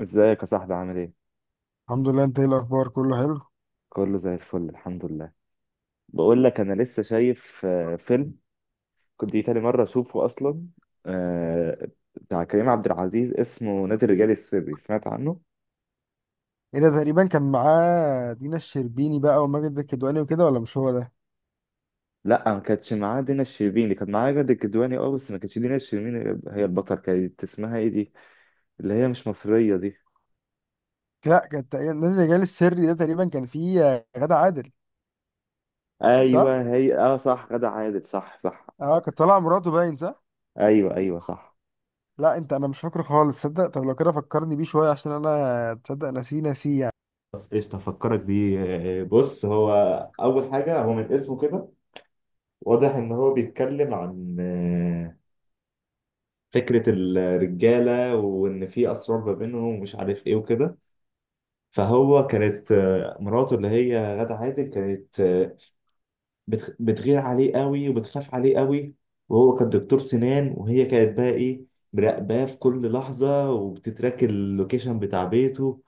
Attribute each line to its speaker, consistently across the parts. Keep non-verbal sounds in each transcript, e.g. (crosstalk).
Speaker 1: ازيك يا صاحبي عامل ايه؟
Speaker 2: الحمد لله، انت ايه الاخبار؟ كله حلو.
Speaker 1: كله زي الفل الحمد لله. بقول لك انا لسه شايف فيلم كنت دي تاني مرة اشوفه اصلا. آه، بتاع كريم عبد العزيز اسمه نادي الرجال السري، سمعت عنه؟
Speaker 2: ايه ده؟ تقريبا كان معاه دينا الشربيني بقى وماجد الكدواني وكده، ولا مش هو ده؟
Speaker 1: لا ما كانتش معاه دينا الشربيني، اللي كان معاه جد الكدواني، اه بس ما كانتش دينا الشربيني. هي البطل كانت اسمها ايه دي؟ اللي هي مش مصرية دي.
Speaker 2: لا، كان تقريبا نادي الرجال السري ده تقريبا كان فيه غادة عادل.
Speaker 1: ايوه
Speaker 2: صح.
Speaker 1: هي اه صح، غادة عادل، صح صح.
Speaker 2: اه كان طالع مراته باين، صح.
Speaker 1: ايوه ايوه صح.
Speaker 2: لا انت، انا مش فاكره خالص صدق. طب لو كده فكرني بيه شويه، عشان انا تصدق نسيه يعني.
Speaker 1: بس ايش تفكرك بيه؟ بص، هو اول حاجه هو من اسمه كده واضح إن هو بيتكلم عن فكرة الرجالة وإن في أسرار ما بينهم ومش عارف إيه وكده. فهو كانت مراته اللي هي غادة عادل كانت بتغير عليه قوي وبتخاف عليه قوي. وهو كان دكتور سنان، وهي كانت بقى إيه، مراقباه في كل لحظة وبتتراك اللوكيشن بتاع بيته،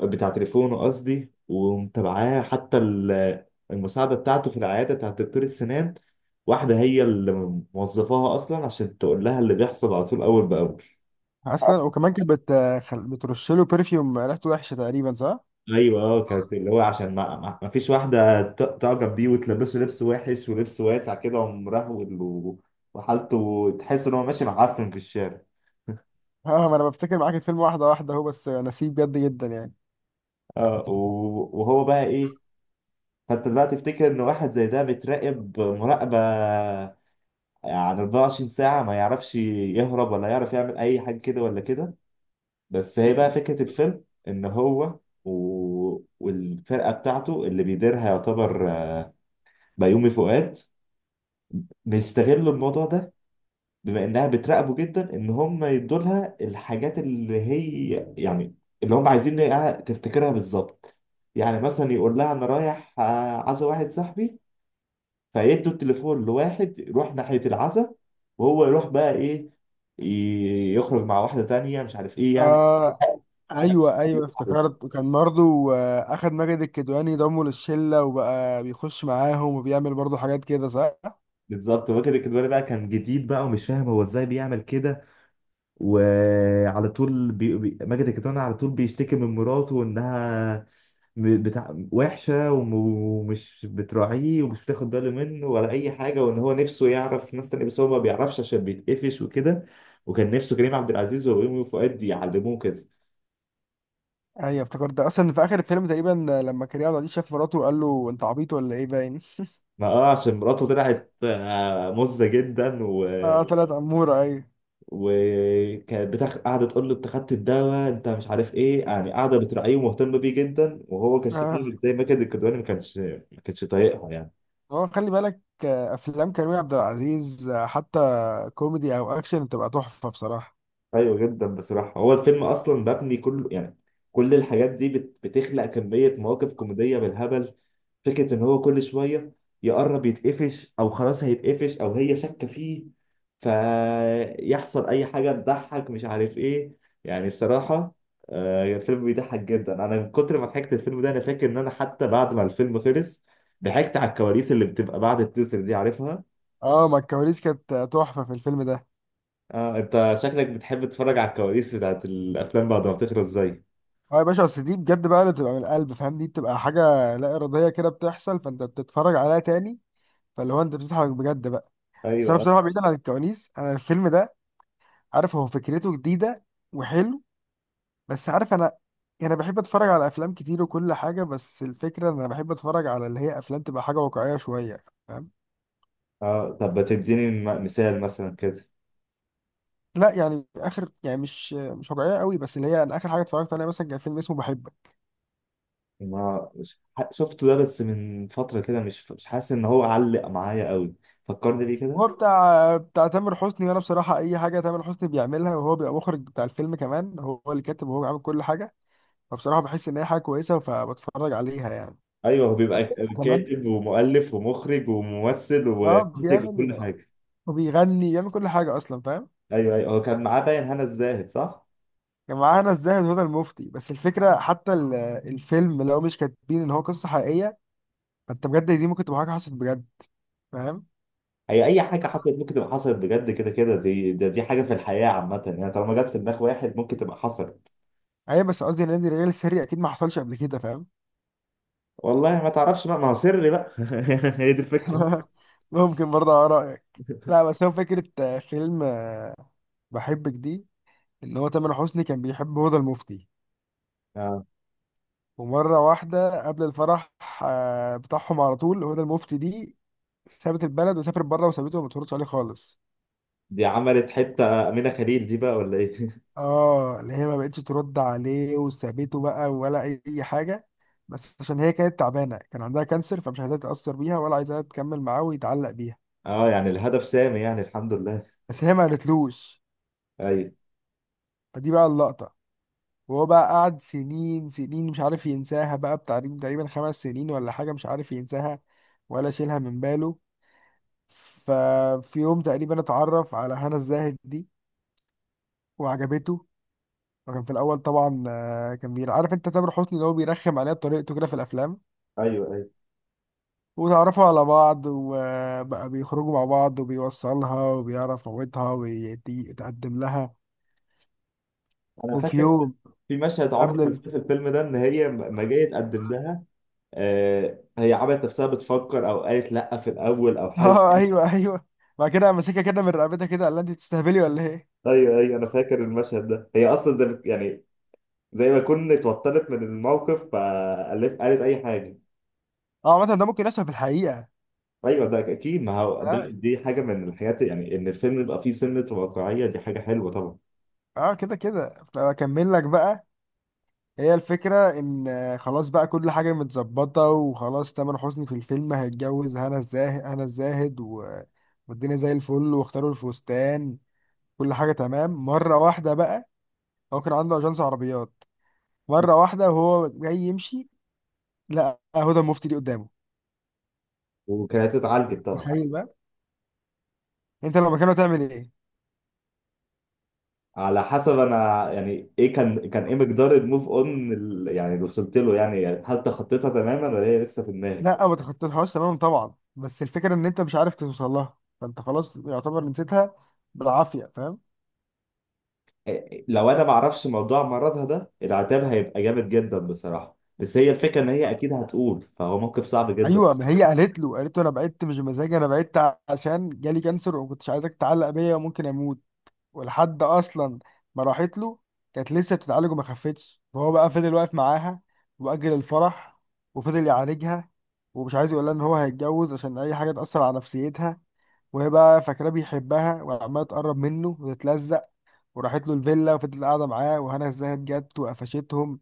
Speaker 1: بتاع تليفونه قصدي، ومتابعاه حتى المساعدة بتاعته في العيادة بتاع دكتور السنان. واحدة هي اللي موظفاها أصلا عشان تقول لها اللي بيحصل على طول أول بأول.
Speaker 2: اصلا وكمان كانت بترش له برفيوم ريحته وحشه، تقريبا صح.
Speaker 1: أيوه أه، كانت اللي هو عشان ما فيش واحدة تعجب بيه وتلبسه لبس وحش ولبس واسع كده ومرهول وحالته تحس إن هو ماشي معفن في الشارع.
Speaker 2: اه ما انا بفتكر معاك الفيلم واحده واحده اهو، بس نسيه بجد جدا يعني.
Speaker 1: اه وهو بقى إيه، فأنت دلوقتي تفتكر إن واحد زي ده بيتراقب مراقبة، يعني 24 ساعة ما يعرفش يهرب ولا يعرف يعمل أي حاجة كده ولا كده. بس هي بقى فكرة الفيلم إن هو و... والفرقة بتاعته اللي بيديرها، يعتبر بيومي فؤاد، بيستغلوا الموضوع ده. بما إنها بتراقبه جدا، إن هم يدوا لها الحاجات اللي هي يعني اللي هم عايزين إنها تفتكرها بالظبط. يعني مثلا يقول لها أنا رايح عزا واحد صاحبي، فيدوا التليفون لواحد يروح ناحية العزا، وهو يروح بقى ايه، يخرج مع واحدة تانية مش عارف ايه يعني.
Speaker 2: آه
Speaker 1: (laughs)
Speaker 2: ايوه ايوه، افتكرت. وكان برضه اخد ماجد الكدواني ضمه للشله وبقى بيخش معاهم وبيعمل برضه حاجات كده، صح.
Speaker 1: بالظبط، هو كده كده بقى كان جديد بقى ومش فاهم هو ازاي بيعمل كده. وعلى طول ماجد الكدواني على طول بيشتكي من مراته انها بتاع وحشة ومش بتراعيه ومش بتاخد باله منه ولا أي حاجة، وإن هو نفسه يعرف ناس تانية بس هو ما بيعرفش عشان بيتقفش وكده. وكان نفسه كريم عبد العزيز ويومي فؤاد يعلموه كده.
Speaker 2: ايوه افتكرت. اصلا في اخر الفيلم تقريبا، لما كريم عبد العزيز شاف مراته وقال له انت عبيط ولا ايه، باين.
Speaker 1: ما اه عشان مراته طلعت مزة جدا
Speaker 2: اه طلعت اموره، ايوه.
Speaker 1: وكانت قاعدة تقول له انت خدت الدواء انت مش عارف ايه، يعني قاعدة بتراعيه ومهتمة بيه جدا، وهو كان
Speaker 2: اه،
Speaker 1: شكله زي ما كان الكدواني ما كانش طايقها يعني.
Speaker 2: هو خلي بالك افلام كريم عبد العزيز حتى كوميدي او اكشن بتبقى تحفه بصراحه.
Speaker 1: ايوه جدا بصراحه. هو الفيلم اصلا مبني كله يعني كل الحاجات دي بتخلق كميه مواقف كوميديه بالهبل. فكره ان هو كل شويه يقرب يتقفش او خلاص هيتقفش او هي شاكه فيه، فيحصل اي حاجه تضحك مش عارف ايه يعني. بصراحه الفيلم بيضحك جدا. انا من كتر ما ضحكت الفيلم ده انا فاكر ان انا حتى بعد ما الفيلم خلص ضحكت على الكواليس اللي بتبقى بعد التتر دي، عارفها؟
Speaker 2: اه، ما الكواليس كانت تحفه في الفيلم ده.
Speaker 1: اه انت شكلك بتحب تتفرج على الكواليس بتاعت الافلام بعد ما بتخلص زي
Speaker 2: اه يا باشا، اصل دي بجد بقى اللي بتبقى من القلب، فاهم؟ دي بتبقى حاجه لا اراديه كده بتحصل، فانت بتتفرج عليها تاني. فاللي هو انت بتضحك بجد بقى. بس انا
Speaker 1: ايوه.
Speaker 2: بصراحه بعيدا عن الكواليس، انا الفيلم ده عارف هو فكرته جديده وحلو، بس عارف انا بحب اتفرج على افلام كتير وكل حاجه، بس الفكره ان انا بحب اتفرج على اللي هي افلام تبقى حاجه واقعيه شويه، فاهم؟
Speaker 1: اه طب ما تديني مثال مثلا كده.
Speaker 2: لا يعني اخر يعني مش واقعيه قوي، بس اللي هي انا اخر حاجه اتفرجت عليها مثلا كان فيلم اسمه بحبك.
Speaker 1: ما شفته ده بس من فترة كده، مش حاسس ان هو علق معايا قوي. فكرني بيه كده.
Speaker 2: هو بتاع تامر حسني، وانا بصراحه اي حاجه تامر حسني بيعملها وهو بيبقى مخرج بتاع الفيلم كمان، هو اللي كاتب وهو عامل كل حاجه. فبصراحه بحس ان هي حاجه كويسه فبتفرج عليها يعني.
Speaker 1: ايوه هو بيبقى
Speaker 2: كمان
Speaker 1: كاتب ومؤلف ومخرج وممثل
Speaker 2: اه
Speaker 1: ومنتج وكل
Speaker 2: بيعمل
Speaker 1: حاجة.
Speaker 2: وبيغني، بيعمل كل حاجة أصلا، فاهم؟
Speaker 1: ايوه ايوه هو كان معاه باين هنا الزاهد صح؟
Speaker 2: كان معانا الزاهد هدى المفتي. بس الفكرة حتى الفيلم لو مش كاتبين إن هو قصة حقيقية، فأنت بجد دي ممكن تبقى حاجة حصلت بجد، فاهم؟
Speaker 1: هي اي حاجة حصلت ممكن تبقى حصلت بجد. كده كده دي ده دي حاجة في الحياة عامة يعني، طالما جت في دماغ واحد ممكن تبقى حصلت.
Speaker 2: أيوة، بس قصدي نادي الرجال السري أكيد ما حصلش قبل كده، فاهم؟
Speaker 1: والله ما تعرفش بقى، ما هو سري بقى. (laughs) هي دي الفكرة.
Speaker 2: (laughs) ممكن برضه على رأيك. لا، بس هو فكرة فيلم بحبك دي، إن هو تامر حسني كان بيحب هدى المفتي.
Speaker 1: اه.
Speaker 2: ومرة واحدة قبل الفرح بتاعهم، على طول هدى المفتي دي سابت البلد وسافرت بره وسابته وما بتردش عليه خالص.
Speaker 1: دي عملت حتة أمينة خليل دي بقى ولا إيه؟
Speaker 2: اه اللي هي ما بقتش ترد عليه وسابته بقى، ولا اي حاجه. بس عشان هي كانت تعبانه، كان عندها كانسر، فمش عايزاه يتاثر بيها ولا عايزاه تكمل معاه ويتعلق بيها،
Speaker 1: اه يعني الهدف سامي يعني، الحمد لله.
Speaker 2: بس هي ما قالتلوش.
Speaker 1: ايوه
Speaker 2: فدي بقى اللقطه. وهو بقى قعد سنين سنين مش عارف ينساها بقى، بتاع تقريبا 5 سنين ولا حاجه، مش عارف ينساها ولا شيلها من باله. ففي يوم تقريبا اتعرف على هنا الزاهد دي وعجبته. وكان في الاول طبعا كان بير عارف انت تامر حسني اللي هو بيرخم عليها بطريقته كده في الافلام.
Speaker 1: ايوه. ايوه
Speaker 2: وتعرفوا على بعض وبقى بيخرجوا مع بعض وبيوصلها وبيعرف موتها ويتقدم لها.
Speaker 1: انا
Speaker 2: وفي
Speaker 1: فاكر،
Speaker 2: يوم
Speaker 1: في مشهد عمري
Speaker 2: قبل
Speaker 1: ما انساه في الفيلم ده ان هي ما جايه تقدم لها. آه هي عملت نفسها بتفكر او قالت لا في الاول او
Speaker 2: (laughs)
Speaker 1: حاجه.
Speaker 2: اه ايوه ايوه، بعد كده قام ماسكها كده من رقبتها كده، قال لها انت بتستهبلي ولا ايه؟
Speaker 1: ايوه ايوه انا فاكر المشهد ده. هي اصلا ده يعني زي ما كنت اتوترت من الموقف فقالت اي حاجه.
Speaker 2: اه مثلا ده ممكن يحصل في الحقيقه.
Speaker 1: ايوه ده اكيد. ما هو ده
Speaker 2: اه.
Speaker 1: دي حاجه من الحاجات يعني، ان الفيلم يبقى فيه سنه واقعيه دي حاجه حلوه طبعا.
Speaker 2: اه كده كده اكمل لك بقى. هي الفكره ان خلاص بقى كل حاجه متظبطه، وخلاص تامر حسني في الفيلم هيتجوز هنا الزاهد، هنا الزاهد و... والدنيا زي الفل، واختاروا الفستان، كل حاجه تمام. مره واحده بقى هو كان عنده اجنس عربيات، مره واحده وهو جاي يمشي، لا هدى المفتي دي قدامه.
Speaker 1: وكانت اتعالجت طبعا.
Speaker 2: تخيل بقى، انت لو مكانه تعمل ايه؟
Speaker 1: على حسب. انا يعني ايه كان كان ايه مقدار الموف اون يعني اللي وصلت له يعني، هل تخطيتها تماما ولا هي لسه في دماغي؟
Speaker 2: لا ما تخطيتهاش تماما طبعا، بس الفكره ان انت مش عارف توصل لها، فانت خلاص يعتبر نسيتها بالعافيه، فاهم؟
Speaker 1: إيه، لو انا ما اعرفش موضوع مرضها ده العتاب هيبقى جامد جدا بصراحه، بس هي الفكره ان هي اكيد هتقول، فهو موقف صعب جدا.
Speaker 2: ايوه، ما هي قالت له، قالت له انا بعدت مش بمزاجي، انا بعدت عشان جالي كانسر وما كنتش عايزك تتعلق بيا وممكن اموت. ولحد اصلا ما راحت له كانت لسه بتتعالج وما خفتش، فهو بقى فضل واقف معاها واجل الفرح وفضل يعالجها، ومش عايز يقول لها ان هو هيتجوز عشان اي حاجه تاثر على نفسيتها. وهي بقى فاكراه بيحبها وعماله تقرب منه وتتلزق، وراحت له الفيلا وفضلت قاعده معاه، وهنا ازاي جت وقفشتهم.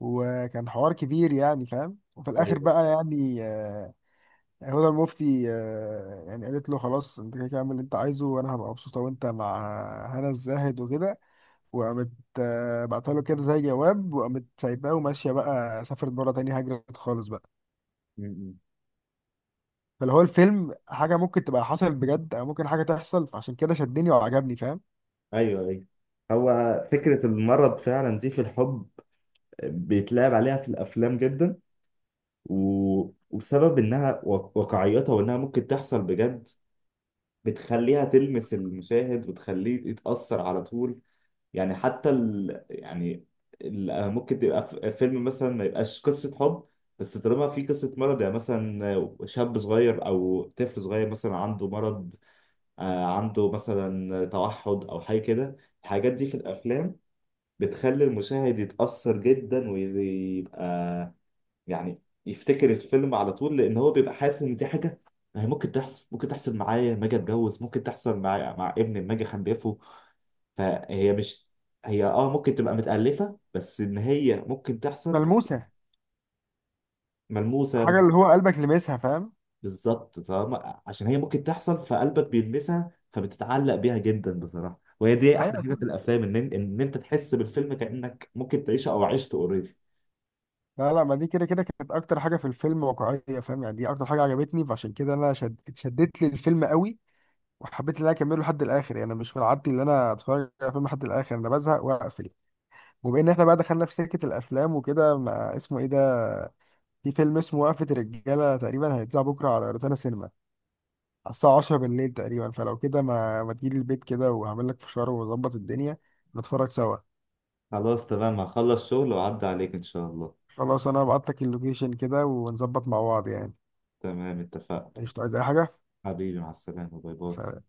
Speaker 2: وكان حوار كبير يعني، فاهم؟ وفي الاخر
Speaker 1: ايوه.
Speaker 2: بقى يعني هدى المفتي يعني قالت له خلاص انت كده كده اعمل اللي انت عايزه، وانا هبقى مبسوطه وانت مع هنا الزاهد وكده. وقامت بعتها له كده زي جواب، وقامت سايباه وماشيه بقى، سافرت بره تاني، هجرت خالص بقى.
Speaker 1: م- م.
Speaker 2: فاللي هو الفيلم حاجه ممكن تبقى حصلت بجد او ممكن حاجه تحصل، فعشان كده شدني وعجبني، فاهم؟
Speaker 1: ايوه ايوه. هو فكره المرض فعلا دي في الحب بيتلعب عليها في الافلام جدا و... وبسبب انها واقعيتها وانها ممكن تحصل بجد بتخليها تلمس المشاهد وتخليه يتأثر على طول. يعني حتى يعني ممكن تبقى فيلم مثلا ما يبقاش قصة حب، بس طالما في قصة مرض، يعني مثلا شاب صغير أو طفل صغير مثلا عنده مرض، عنده مثلا توحد أو حاجة كده. الحاجات دي في الأفلام بتخلي المشاهد يتأثر جدا ويبقى يعني يفتكر الفيلم على طول، لان هو بيبقى حاسس ان دي حاجه هي ممكن تحصل. ممكن تحصل معايا لما اجي اتجوز، ممكن تحصل مع ابني لما اجي اخلفه. فهي مش، هي اه ممكن تبقى متألفة بس ان هي ممكن تحصل.
Speaker 2: ملموسه.
Speaker 1: ملموسة.
Speaker 2: حاجه اللي هو قلبك لمسها، فاهم؟
Speaker 1: بالظبط، فاهمة عشان هي ممكن تحصل فقلبك بيلمسها فبتتعلق بيها جدا بصراحة. وهي دي احلى
Speaker 2: ايوه
Speaker 1: حاجة في
Speaker 2: كده.
Speaker 1: الافلام، ان انت تحس بالفيلم كأنك ممكن تعيشه او عشته اوريدي.
Speaker 2: لا لا، ما دي كده كده كانت اكتر حاجه في الفيلم واقعيه، فاهم يعني؟ دي اكتر حاجه عجبتني، فعشان كده انا اتشدت لي الفيلم قوي وحبيت ان انا اكمله لحد الاخر. يعني انا مش من عادتي ان انا اتفرج على فيلم لحد الاخر، انا بزهق واقفل. وبما ان احنا بقى دخلنا في سكه الافلام وكده، ما اسمه ايه ده، في فيلم اسمه وقفة الرجالة تقريبا هيتذاع بكرة على روتانا سينما على الساعة 10 بالليل تقريبا، فلو كده ما تجيلي البيت كده وهعمل لك فشار وأظبط الدنيا نتفرج سوا.
Speaker 1: خلاص تمام، هخلص شغل وأعدي عليك ان شاء الله.
Speaker 2: خلاص أنا هبعت لك اللوكيشن كده ونظبط مع بعض يعني.
Speaker 1: تمام اتفقنا.
Speaker 2: مش عايز أي حاجة.
Speaker 1: حبيبي مع السلامة، باي باي.
Speaker 2: سلام.